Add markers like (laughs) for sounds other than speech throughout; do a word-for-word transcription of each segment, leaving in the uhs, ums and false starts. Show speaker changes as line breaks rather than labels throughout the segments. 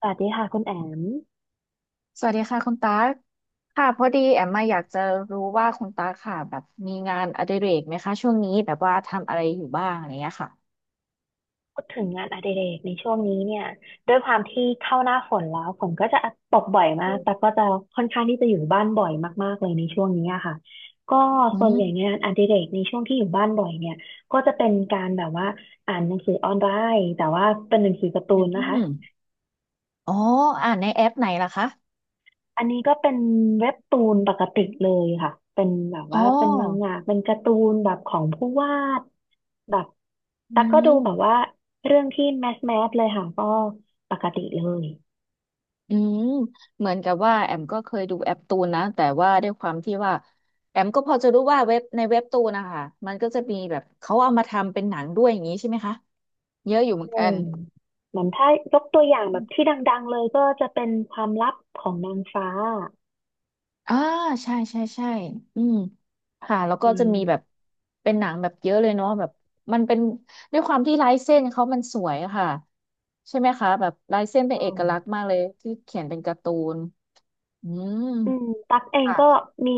สวัสดีค่ะคุณแอม
สวัสดีค่ะคุณตากค่ะพอดีแอมมาอยากจะรู้ว่าคุณตากค่ะแบบมีงานอดิเรกไหมคะช่วงนี้แบบว่าทำอะไรอยู่บ้างอะไรเงี้ยค่ะ
พูดถึงงานอดิเรกในช่วงนี้เนี่ยด้วยความที่เข้าหน้าฝนแล้วฝนก็จะตกบ่อยมา
อื
กแต่ก็จะค่อนข้างที่จะอยู่บ้านบ่อยมากๆเลยในช่วงนี้อะค่ะก็
ม
ส่วนใหญ่งานอดิเรกในช่วงที่อยู่บ้านบ่อยเนี่ยก็จะเป็นการแบบว่าอ่านหนังสือออนไลน์แต่ว่าเป็นหนังสือการ์ตูน
อื
นะคะ
มอ๋ออ่านในแอปไหนล่ะคะ
อันนี้ก็เป็นเว็บตูนปกติเลยค่ะ เป็นแบบ
อ๋อ
ว่าเป็นมังงะเป็นการ์ตูนแบบของผู้วาดแบบ
อื
แต่ก็ดูแบบว่า
ม
เรื่องที่แมสแมสเลยค่ะก็ปกติเลย
อืมเหมือนกับว่าแอมก็เคยดูแอปตูนนะแต่ว่าด้วยความที่ว่าแอมก็พอจะรู้ว่าเว็บในเว็บตูนนะคะมันก็จะมีแบบเขาเอามาทำเป็นหนังด้วยอย่างนี้ใช่ไหมคะเยอะอยู่เหมือน
อื
กัน
มเหมือนถ้ายกตัวอย่างแบบที่ดังๆเลยก็จะเป็นความลับของนางฟ้า
อ่าใช่ใช่ใช่อืมค่ะแล้ว
อื
ก็จะ
ม
มีแบบเป็นหนังแบบเยอะเลยเนาะแบบมันเป็นด้วยความที่ลายเส้นเขามันสวยอะค่ะใช่ไหมคะแบบลายเส้นเป็น
ใช่
เอกลักษณ์มากเลยที่เขียนเป็นการ์ตูนอืม
อืมตักเอง
ค่ะ
ก็มี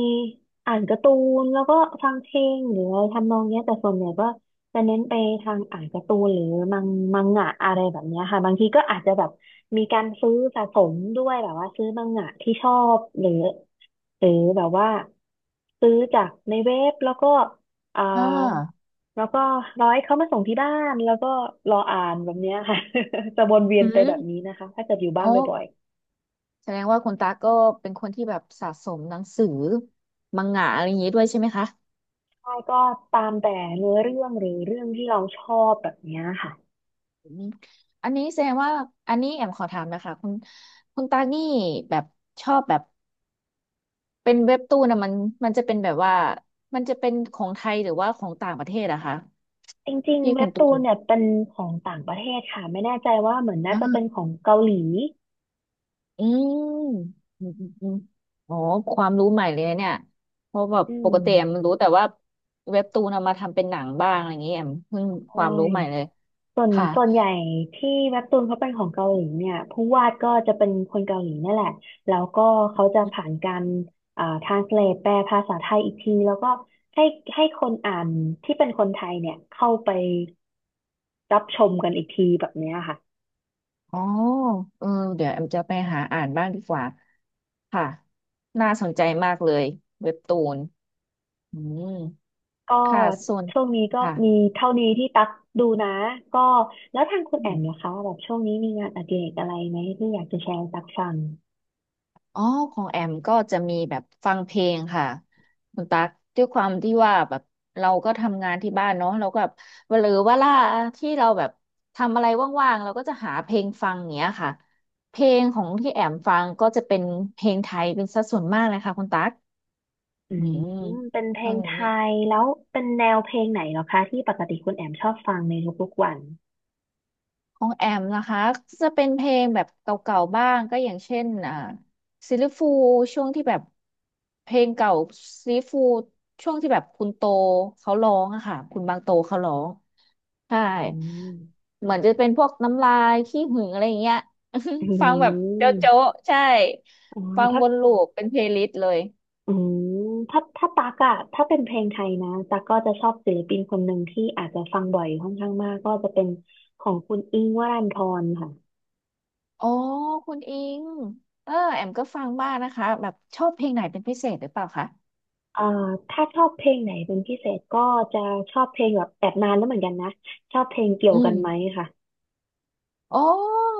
อ่านการ์ตูนแล้วก็ฟังเพลงหรืออะไรทำนองเนี้ยแต่ส่วนใหญ่ก็จะเน้นไปทางอ่านการ์ตูนหรือมังมังงะอะไรแบบเนี้ยค่ะบางทีก็อาจจะแบบมีการซื้อสะสมด้วยแบบว่าซื้อมังงะที่ชอบหรือหรือแบบว่าซื้อจากในเว็บแล้วก็อ่า
อ่า
แล้วก็ร้อยเขามาส่งที่บ้านแล้วก็รออ่านแบบเนี้ยค่ะ (laughs) จะวนเวีย
อื
นไปแบบนี้
ม
นะคะถ้าเกิดอยู่บ้า
โอ้
นบ่อย
แสดงว่าคุณตาก็เป็นคนที่แบบสะสมหนังสือมังงะอะไรอย่างนี้ด้วยใช่ไหมคะ
ใช่ก็ตามแต่เนื้อเรื่องหรือเรื่องที่เราชอบแบบเนี้ยค่ะ
อืมอันนี้แสดงว่าอันนี้แอมขอถามนะคะคุณคุณตานี่แบบชอบแบบ เป็นเว็บตูนนะมันมันจะเป็นแบบว่ามันจะเป็นของไทยหรือว่าของต่างประเทศอะคะ
จริง
พี่
ๆ
คุ
เว็
ณ
บ
ตู
ตูน
น
เนี่ยเป็นของต่างประเทศค่ะไม่แน่ใจว่าเหมือนน่าจะเป็น
อ่า
ของเกาหลี
อืมอืมอืมอืมอ๋อความรู้ใหม่เลยนะเนี่ยเพราะแบบ
อื
ป
ม
กติแอมรู้แต่ว่าเว็บตูนเอามาทำเป็นหนังบ้างอะไรอย่างเงี้ยแอมเพิ่งค
ใช่
วามรู้ใหม่เลย
ส่วน
ค่ะ
ส่วนใหญ่ที่เว็บตูนเขาเป็นของเกาหลีเนี่ยผู้วาดก็จะเป็นคนเกาหลีนั่นแหละแล้วก็เขาจะผ่านการอ่า translate แปลภาษาไทยอีกทีแล้วก็ให้ให้คนอ่านที่เป็นคนไทยเนี่ยเข้าไปรับชมกันอีกทีแบบเนี้ยค่ะ
อ๋อเออเดี๋ยวแอมจะไปหาอ่านบ้างดีกว่าค่ะน่าสนใจมากเลยเว็บตูนอืม
ก็
ค่ะส่วน
ช่วงนี้ก็
ค่ะ
มีเท่านี้ที่ตักดูนะก็แล้วทางคุณ
อื
แอ
ม
มล่ะคะแบบช่วงนี้มีงานอดิเรกอะไรไหมที่อยากจะแชร์ให้ตักฟัง
อ๋อของแอมก็จะมีแบบฟังเพลงค่ะคุณตั๊กด้วยความที่ว่าแบบเราก็ทำงานที่บ้านเนาะเราก็แบบหรือว่าล่าที่เราแบบทำอะไรว่างๆเราก็จะหาเพลงฟังเนี้ยค่ะเพลงของที่แอมฟังก็จะเป็นเพลงไทยเป็นสัดส่วนมากเลยค่ะคุณตั๊ก
อื
อื
ม
ม
เป็นเพ
ต
ล
ร
ง
ง
ไท
นี้
ยแล้วเป็นแนวเพลงไหนเหรอคะที่ปกติคุณแอมชอบฟังในทุกๆวัน
ของแอมนะคะจะเป็นเพลงแบบเก่าๆบ้างก็อย่างเช่นอ่าซิลลิฟูช่วงที่แบบเพลงเก่าซิลลิฟูช่วงที่แบบคุณโตเขาร้องอะค่ะคุณบางโตเขาร้องใช่
อืม
เหมือนจะเป็นพวกน้ำลายขี้หึงอะไรอย่างเงี้ย
อื
(laughs) ฟังแบบโจ๊ะโจ๊ะ
ม
ใช่
อ๋อ
ฟัง
ถ้า
วนลูปเป็นเพลย์ลิสต์เลย
อืมถ้าถ้าตักอะถ้าเป็นเพลงไทยนะตักก็จะชอบศิลปินคนหนึ่งที่อาจจะฟังบ่อยค่อนข้างมากก็จะเป็นของคุณอิ้งค์วรันธรค่ะ
อ๋อคุณอิงเออแอมก็ฟังบ้างนะคะแบบชอบเพลงไหนเป็นพิเศษหรือเปล่าคะ
เอ่อถ้าชอบเพลงไหนเป็นพิเศษก็จะชอบเพลงแบบแอบนานแล้วเหมือนกันนะชอบเพลงเกี่ย
อื
วกั
ม
นไหมค่ะ
อ๋อ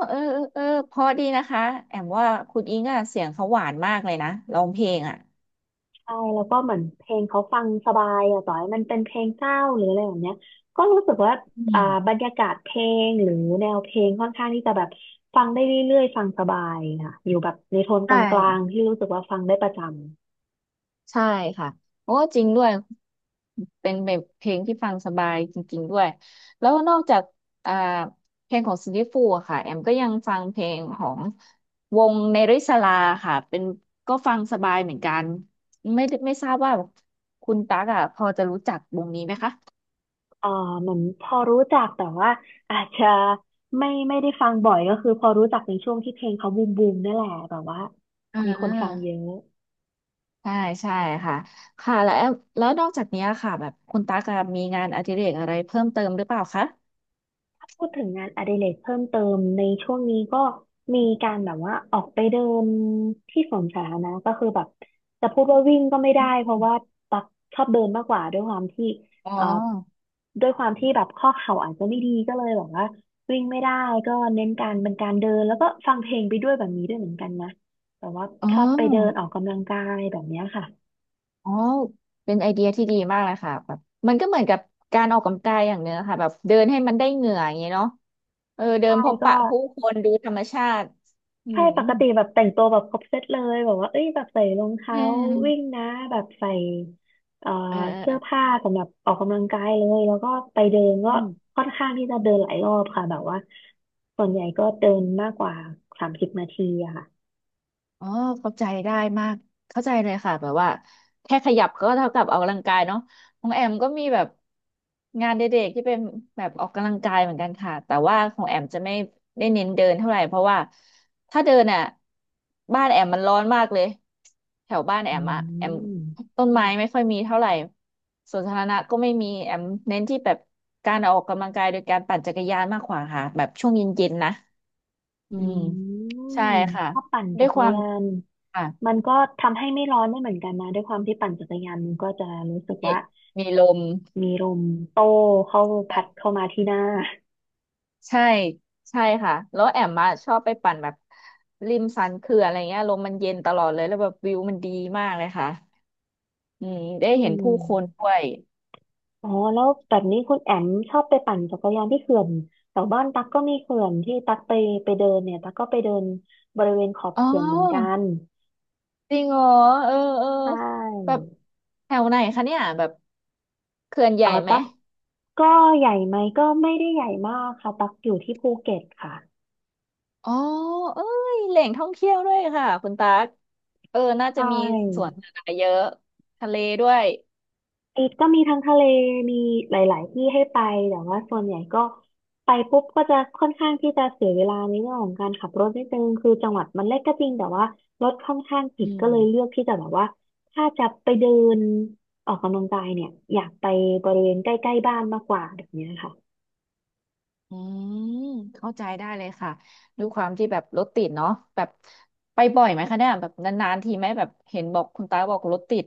เออเออเออเพอดีนะคะ แอมว่าคุณอิงอะเสียงเขาหวานมากเลยนะร้องเพลงอ่ะ
ใช่แล้วก็เหมือนเพลงเขาฟังสบายอะต่อให้มันเป็นเพลงเศร้าหรืออะไรแบบเนี้ยก็รู้สึกว่า
อื
อ่าบร
ม
รยากาศเพลงหรือแนวเพลงค่อนข้างที่จะแบบฟังได้เรื่อยๆฟังสบายค่ะอยู่แบบในโทนก
ใช่
ลางๆที่รู้สึกว่าฟังได้ประจำ
ใช่ค่ะโอ้จริงด้วย เป็นแบบเพลงที่ฟังสบายจริงๆด้วยแล้วนอกจากอ่าเพลงของซิลลี่ฟูอะค่ะแอมก็ยังฟังเพลงของวงเนริสลาค่ะ เป็นก็ฟังสบายเหมือนกัน ไม่ไม่ทราบว่าคุณตั๊กอ่ะพอจะรู้จักวงนี้ไหมคะ
เอ่อเหมือนพอรู้จักแต่ว่าอาจจะไม่ไม่ได้ฟังบ่อยก็คือพอรู้จักในช่วงที่เพลงเขาบูมบูมนั่นแหละแบบว่า
อ่
มีคนฟังเย
า
อะ
ใช่ใช่ค่ะค่ะแล้วแล้วนอกจากเนี้ยค่ะแบบคุณตั๊กอะมีงานอดิเรกอะไรเพิ่มเติมหรือเปล่าคะ
พูดถึงงานอดิเรกเพิ่มเติมในช่วงนี้ก็มีการแบบว่าออกไปเดินที่สวนสาธารณะก็คือแบบจะพูดว่าวิ่งก็ไม่ได้เพราะว่าตักชอบเดินมากกว่าด้วยความที่
อ๋อ
เอ่อด้วยความที่แบบข้อเข่าอาจจะไม่ดีก็เลยแบบว่าวิ่งไม่ได้ก็เน้นการเป็นการเดินแล้วก็ฟังเพลงไปด้วยแบบนี้ด้วยเหมือนกันนะแต่ว่า
อ๋อ
ชอบไปเดินออกกำลังกายแบบเนี้ยค่ะ
อ๋อเป็นไอเดียที่ดีมากเลยค่ะแบบมันก็เหมือนกับการออกกำลังกายอย่างเนื้อค่ะแบบเดินให้มันได้เหงื่ออย่างเงี้ยเนาะเออเดิ
ใช่
นพบ
ก็
ปะผู้คนดูธรรมชาติอื
ใช่
ม
ปกติแบบแต่งตัวแบบครบเซตเลยแบบว่าเอ้ยแบบใส่รอง
เ
เท้าวิ่ง
ออ
นะแบบใส่เอ่อ
เออเออ
เสื้
เอ
อ
อ
ผ้าสำหรับออกกำลังกายเลยแล้วก็ไปเดินก็
อืม
ค่อนข้างที่จะเดินหลายรอบค่ะแบบว่าส่วนใหญ่ก็เดินมากกว่าสามสิบนาทีอะค่ะ
อ๋อเข้าใจได้มากเข้าใจเลยค่ะแบบว่าแค่ขยับก็เท่ากับออกกำลังกายเนาะของแอมก็มีแบบงานเด็กๆที่เป็นแบบออกกำลังกายเหมือนกันค่ะแต่ว่าของแอมจะไม่ได้เน้นเดินเท่าไหร่เพราะว่าถ้าเดินอ่ะบ้านแอมมันร้อนมากเลยแถวบ้านแอ
อื
มอ่ะแอม
ม
ต้นไม้ไม่ค่อยมีเท่าไหร่สวนสาธารณะก็ไม่มีแอมเน้นที่แบบการออกกำลังกายโดยการปั่นจักรยานมากกว่าค่ะแบบช่วงเย็นๆนะอื
อื
ม
ม
ใช่ค่ะ
ชอบปั่น
ด้
จั
วย
ก
ค
ร
วาม
ยาน
ค่ะ
มันก็ทำให้ไม่ร้อนไม่เหมือนกันนะด้วยความที่ปั่นจักรยานมันก็จะรู้สึก
มี
ว่า
มีลม
มีลมโต้เข้าพัดเข้ามาที่หน้า
ใช่ใช่ค่ะแล้วแอมมาชอบไปปั่นแบบริมสันเขื่อนอะไรเงี้ยลมมันเย็นตลอดเลยแล้วแบบวิวมันดีมากเลยค่ะอืมได้
อื
เห็นผู้คน
ม
ด้วย
อ๋อแล้วแบบนี้คุณแอมชอบไปปั่นจักรยานที่เขื่อนแถวบ้านตั๊กก็มีเขื่อนที่ตั๊กไปไปเดินเนี่ยตั๊กก็ไปเดินบริเวณขอบ
อ๋
เขื่อนเหมือนกั
อ
น
จริงเหรอเออเออ
ใช่
แบบแถวไหนคะเนี่ยแบบเขื่อนให
อ๋
ญ่
อ
ไหม
ตั๊กก็ใหญ่ไหมก็ไม่ได้ใหญ่มากค่ะตั๊กอยู่ที่ภูเก็ตค่ะ
อ๋อเอ้ยแหล่งท่องเที่ยวด้วยค่ะคุณตั๊กเออน่า
ใช
จะมีสว
่
นสาธารณะเยอะทะเลด้วย
อีกก็มีทั้งทะเลมีหลายๆที่ให้ไปแต่ว่าส่วนใหญ่ก็ไปปุ๊บก็จะค่อนข้างที่จะเสียเวลาในเรื่องของการขับรถนิดนึงคือจังหวัดมันเล็กก็จริงแต่ว่ารถค่อนข้างติ
อื
ดก็
ม
เลยเลือกที่จะแบบว่าถ้าจะไปเดินออกกำลังกายเนี่ยอยากไปบริเวณใกล้ๆบ้านมากกว่าแบบเนี้ยค่ะ
อืมเข้าใจได้เลยค่ะด้วยความที่แบบรถติดเนาะแบบไปบ่อยไหมคะเนี่ยแบบนานๆทีไหมแบบเห็นบอกคุณตาบอกรถติด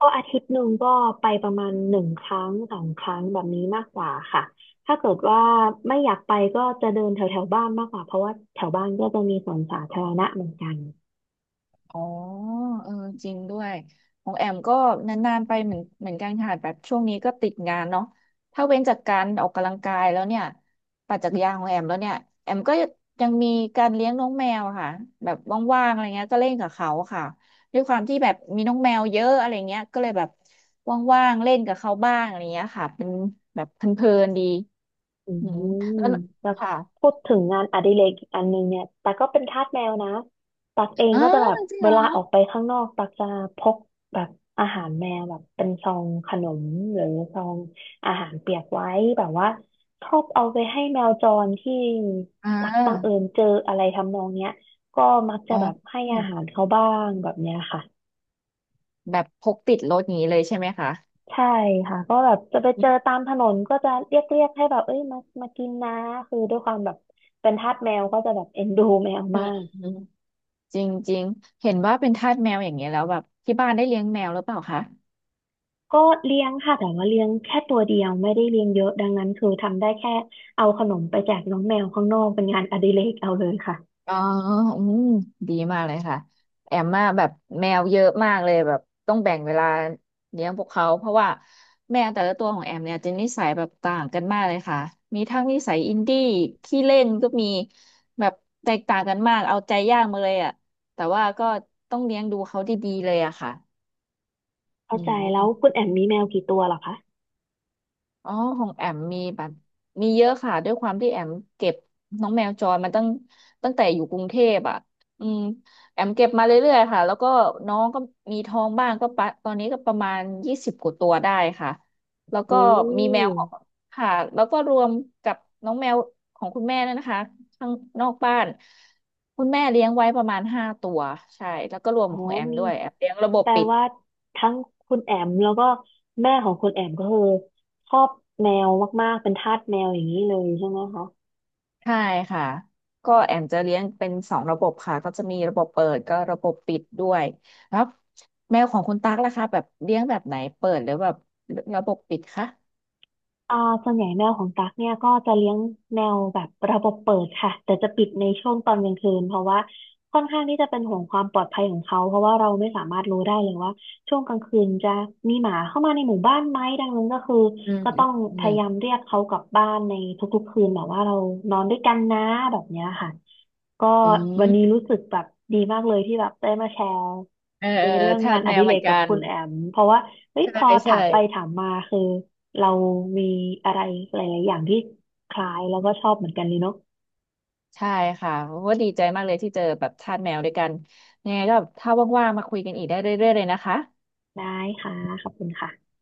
ก็อาทิตย์หนึ่งก็ไปประมาณหนึ่งครั้งสองครั้งแบบนี้มากกว่าค่ะถ้าเกิดว่าไม่อยากไปก็จะเดินแถวๆบ้านมากกว่าเพราะว่าแถวบ้านก็จะมีสวนสาธารณะเหมือนกัน
อ๋อเออจริงด้วยของแอมก็นานๆไปเหมือนเหมือนกันค่ะแบบช่วงนี้ก็ติดงานเนาะถ้าเว้นจากการออกกำลังกายแล้วเนี่ยปั่นจักรยานของแอมแล้วเนี่ยแอมก็ยังมีการเลี้ยงน้องแมวอะค่ะแบบว่างๆอะไรเงี้ยก็เล่นกับเขาค่ะด้วยความที่แบบมีน้องแมวเยอะอะไรเงี้ยก็เลยแบบว่างๆเล่นกับเขาบ้างอะไรเงี้ยค่ะเป็นแบบเพลินๆดี
อื
อืม
ม
แล้ว
แล้ว
ค่ะ
พูดถึงงานอดิเรกอีกอันนึงเนี่ยตักก็เป็นทาสแมวนะตักเอง
อ้า
ก็จะแบ
ว
บ
จริง
เว
เหรอ
ลาออกไปข้างนอกตักจะพกแบบอาหารแมวแบบเป็นซองขนมหรือซองอาหารเปียกไว้แบบว่าชอบเอาไปให้แมวจรที่
อ่
ตักบังเอิ
า
ญเจออะไรทำนองเนี้ยก็มักจะ
อ๋อ
แบบให้อาหารเขาบ้างแบบเนี้ยค่ะ
แบบพกติดรถอย่างนี้เลยใช่ไหมคะ
ใช่ค่ะก็แบบจะไป
อื
เจอ
ม
ตามถนนก็จะเรียกเรียกให้แบบเอ้ยมามากินนะคือด้วยความแบบเป็นทาสแมวก็จะแบบเอ็นดูแมว
อื
มา
ม
ก
อืมจริงจริงเห็นว่าเป็นทาสแมวอย่างเงี้ยแล้วแบบที่บ้านได้เลี้ยงแมวหรือเปล่าคะ
ก็เลี้ยงค่ะแต่ว่าเลี้ยงแค่ตัวเดียวไม่ได้เลี้ยงเยอะดังนั้นคือทำได้แค่เอาขนมไปแจกน้องแมวข้างนอกเป็นงานอดิเรกเอาเลยค่ะ
อ๋ออืมดีมากเลยค่ะแอมมาแบบแมวเยอะมากเลยแบบต้องแบ่งเวลาเลี้ยงพวกเขาเพราะว่าแมวแต่ละตัวของแอมเนี่ยจะนิสัยแบบต่างกันมากเลยค่ะมีทั้งนิสัยอินดี้ขี้เล่นก็มีแบบแตกต่างกันมากเอาใจยากมาเลยอ่ะแต่ว่าก็ต้องเลี้ยงดูเขาดีๆเลยอะค่ะอื
เข้าใจแล้ว
ม
คุณแอมมีแมวกี่ตัวเหรอคะ
อ๋อของแอมมีแบบมีเยอะค่ะ ด้วยความที่แอมเก็บน้องแมวจรมาตั้งตั้งแต่อยู่กรุงเทพอ่ะอืมแอมเก็บมาเรื่อยๆค่ะ แล้วก็น้องก็มีท้องบ้างก็ปะตอนนี้ก็ประมาณยี่สิบกว่าตัวได้ค่ะ แล้วก็
อื
มีแมวของ
ม
ค่ะ แล้วก็รวมกับน้องแมวของคุณแม่นั่นนะคะข้างนอกบ้านคุณแม่เลี้ยงไว้ประมาณห้าตัวใช่แล้วก็รวม
อ๋อ
ของแอม
มี
ด้วยแอมเลี้ยงระบบ
แปล
ปิด
ว่าทั้งคุณแอมแล้วก็แม่ของคุณแอมก็คือชอบแมวมากๆเป็นทาสแมวอย่างนี้เลยใช่ไหมคะ
ใช่ค่ะก็แอมจะเลี้ยงเป็นสองระบบค่ะก็จะมีระบบเปิดก็ระบบปิดด้วยแล้วแมวของคุณตั๊กล่ะคะแบบเลี้ยงแบบไหนเปิดหรือแบบระบบปิดคะ
อ่าส่วนใหญ่แมวของตั๊กเนี่ยก็จะเลี้ยงแมวแบบระบบเปิดค่ะแต่จะปิดในช่วงตอนกลางคืนเพราะว่าค่อนข้างที่จะเป็นห่วงความปลอดภัยของเขาเพราะว่าเราไม่สามารถรู้ได้เลยว่าช่วงกลางคืนจะมีหมาเข้ามาในหมู่บ้านไหมดังนั้นก็คือ
อืม
ก็
อ
ต้อง
ื
พ
ม
ยายามเรียกเขากลับบ้านในทุกๆคืนแบบว่าเรานอนด้วยกันนะแบบเนี้ยค่ะ ก็
อื
วันนี้
ม
รู้สึกแบบดีมากเลยที่แบบได้มาแชร์
เออ
ใน
เอ
เรื่
อ
อง
ทา
งา
ส
นอ
แม
ดิ
วเห
เร
มือ
ก
น
กับ
กัน
คุณแอมเพราะว่าเฮ้ยพ
ใช่
อถา
ใช่
มไปถามมาคือเรามีอะไรหลายๆอย่างที่คล้ายแล้วก็ชอบเหมือนกันเลยเนาะ
ใช่ค่ะว่าดีใจมากเลยที่เจอแบบทาสแมวด้วยกันยังไงก็ถ้าว่างๆมาคุยกันอีกได้เรื่อยๆเลยนะคะ
ได้ค่ะขอบคุณค่ะ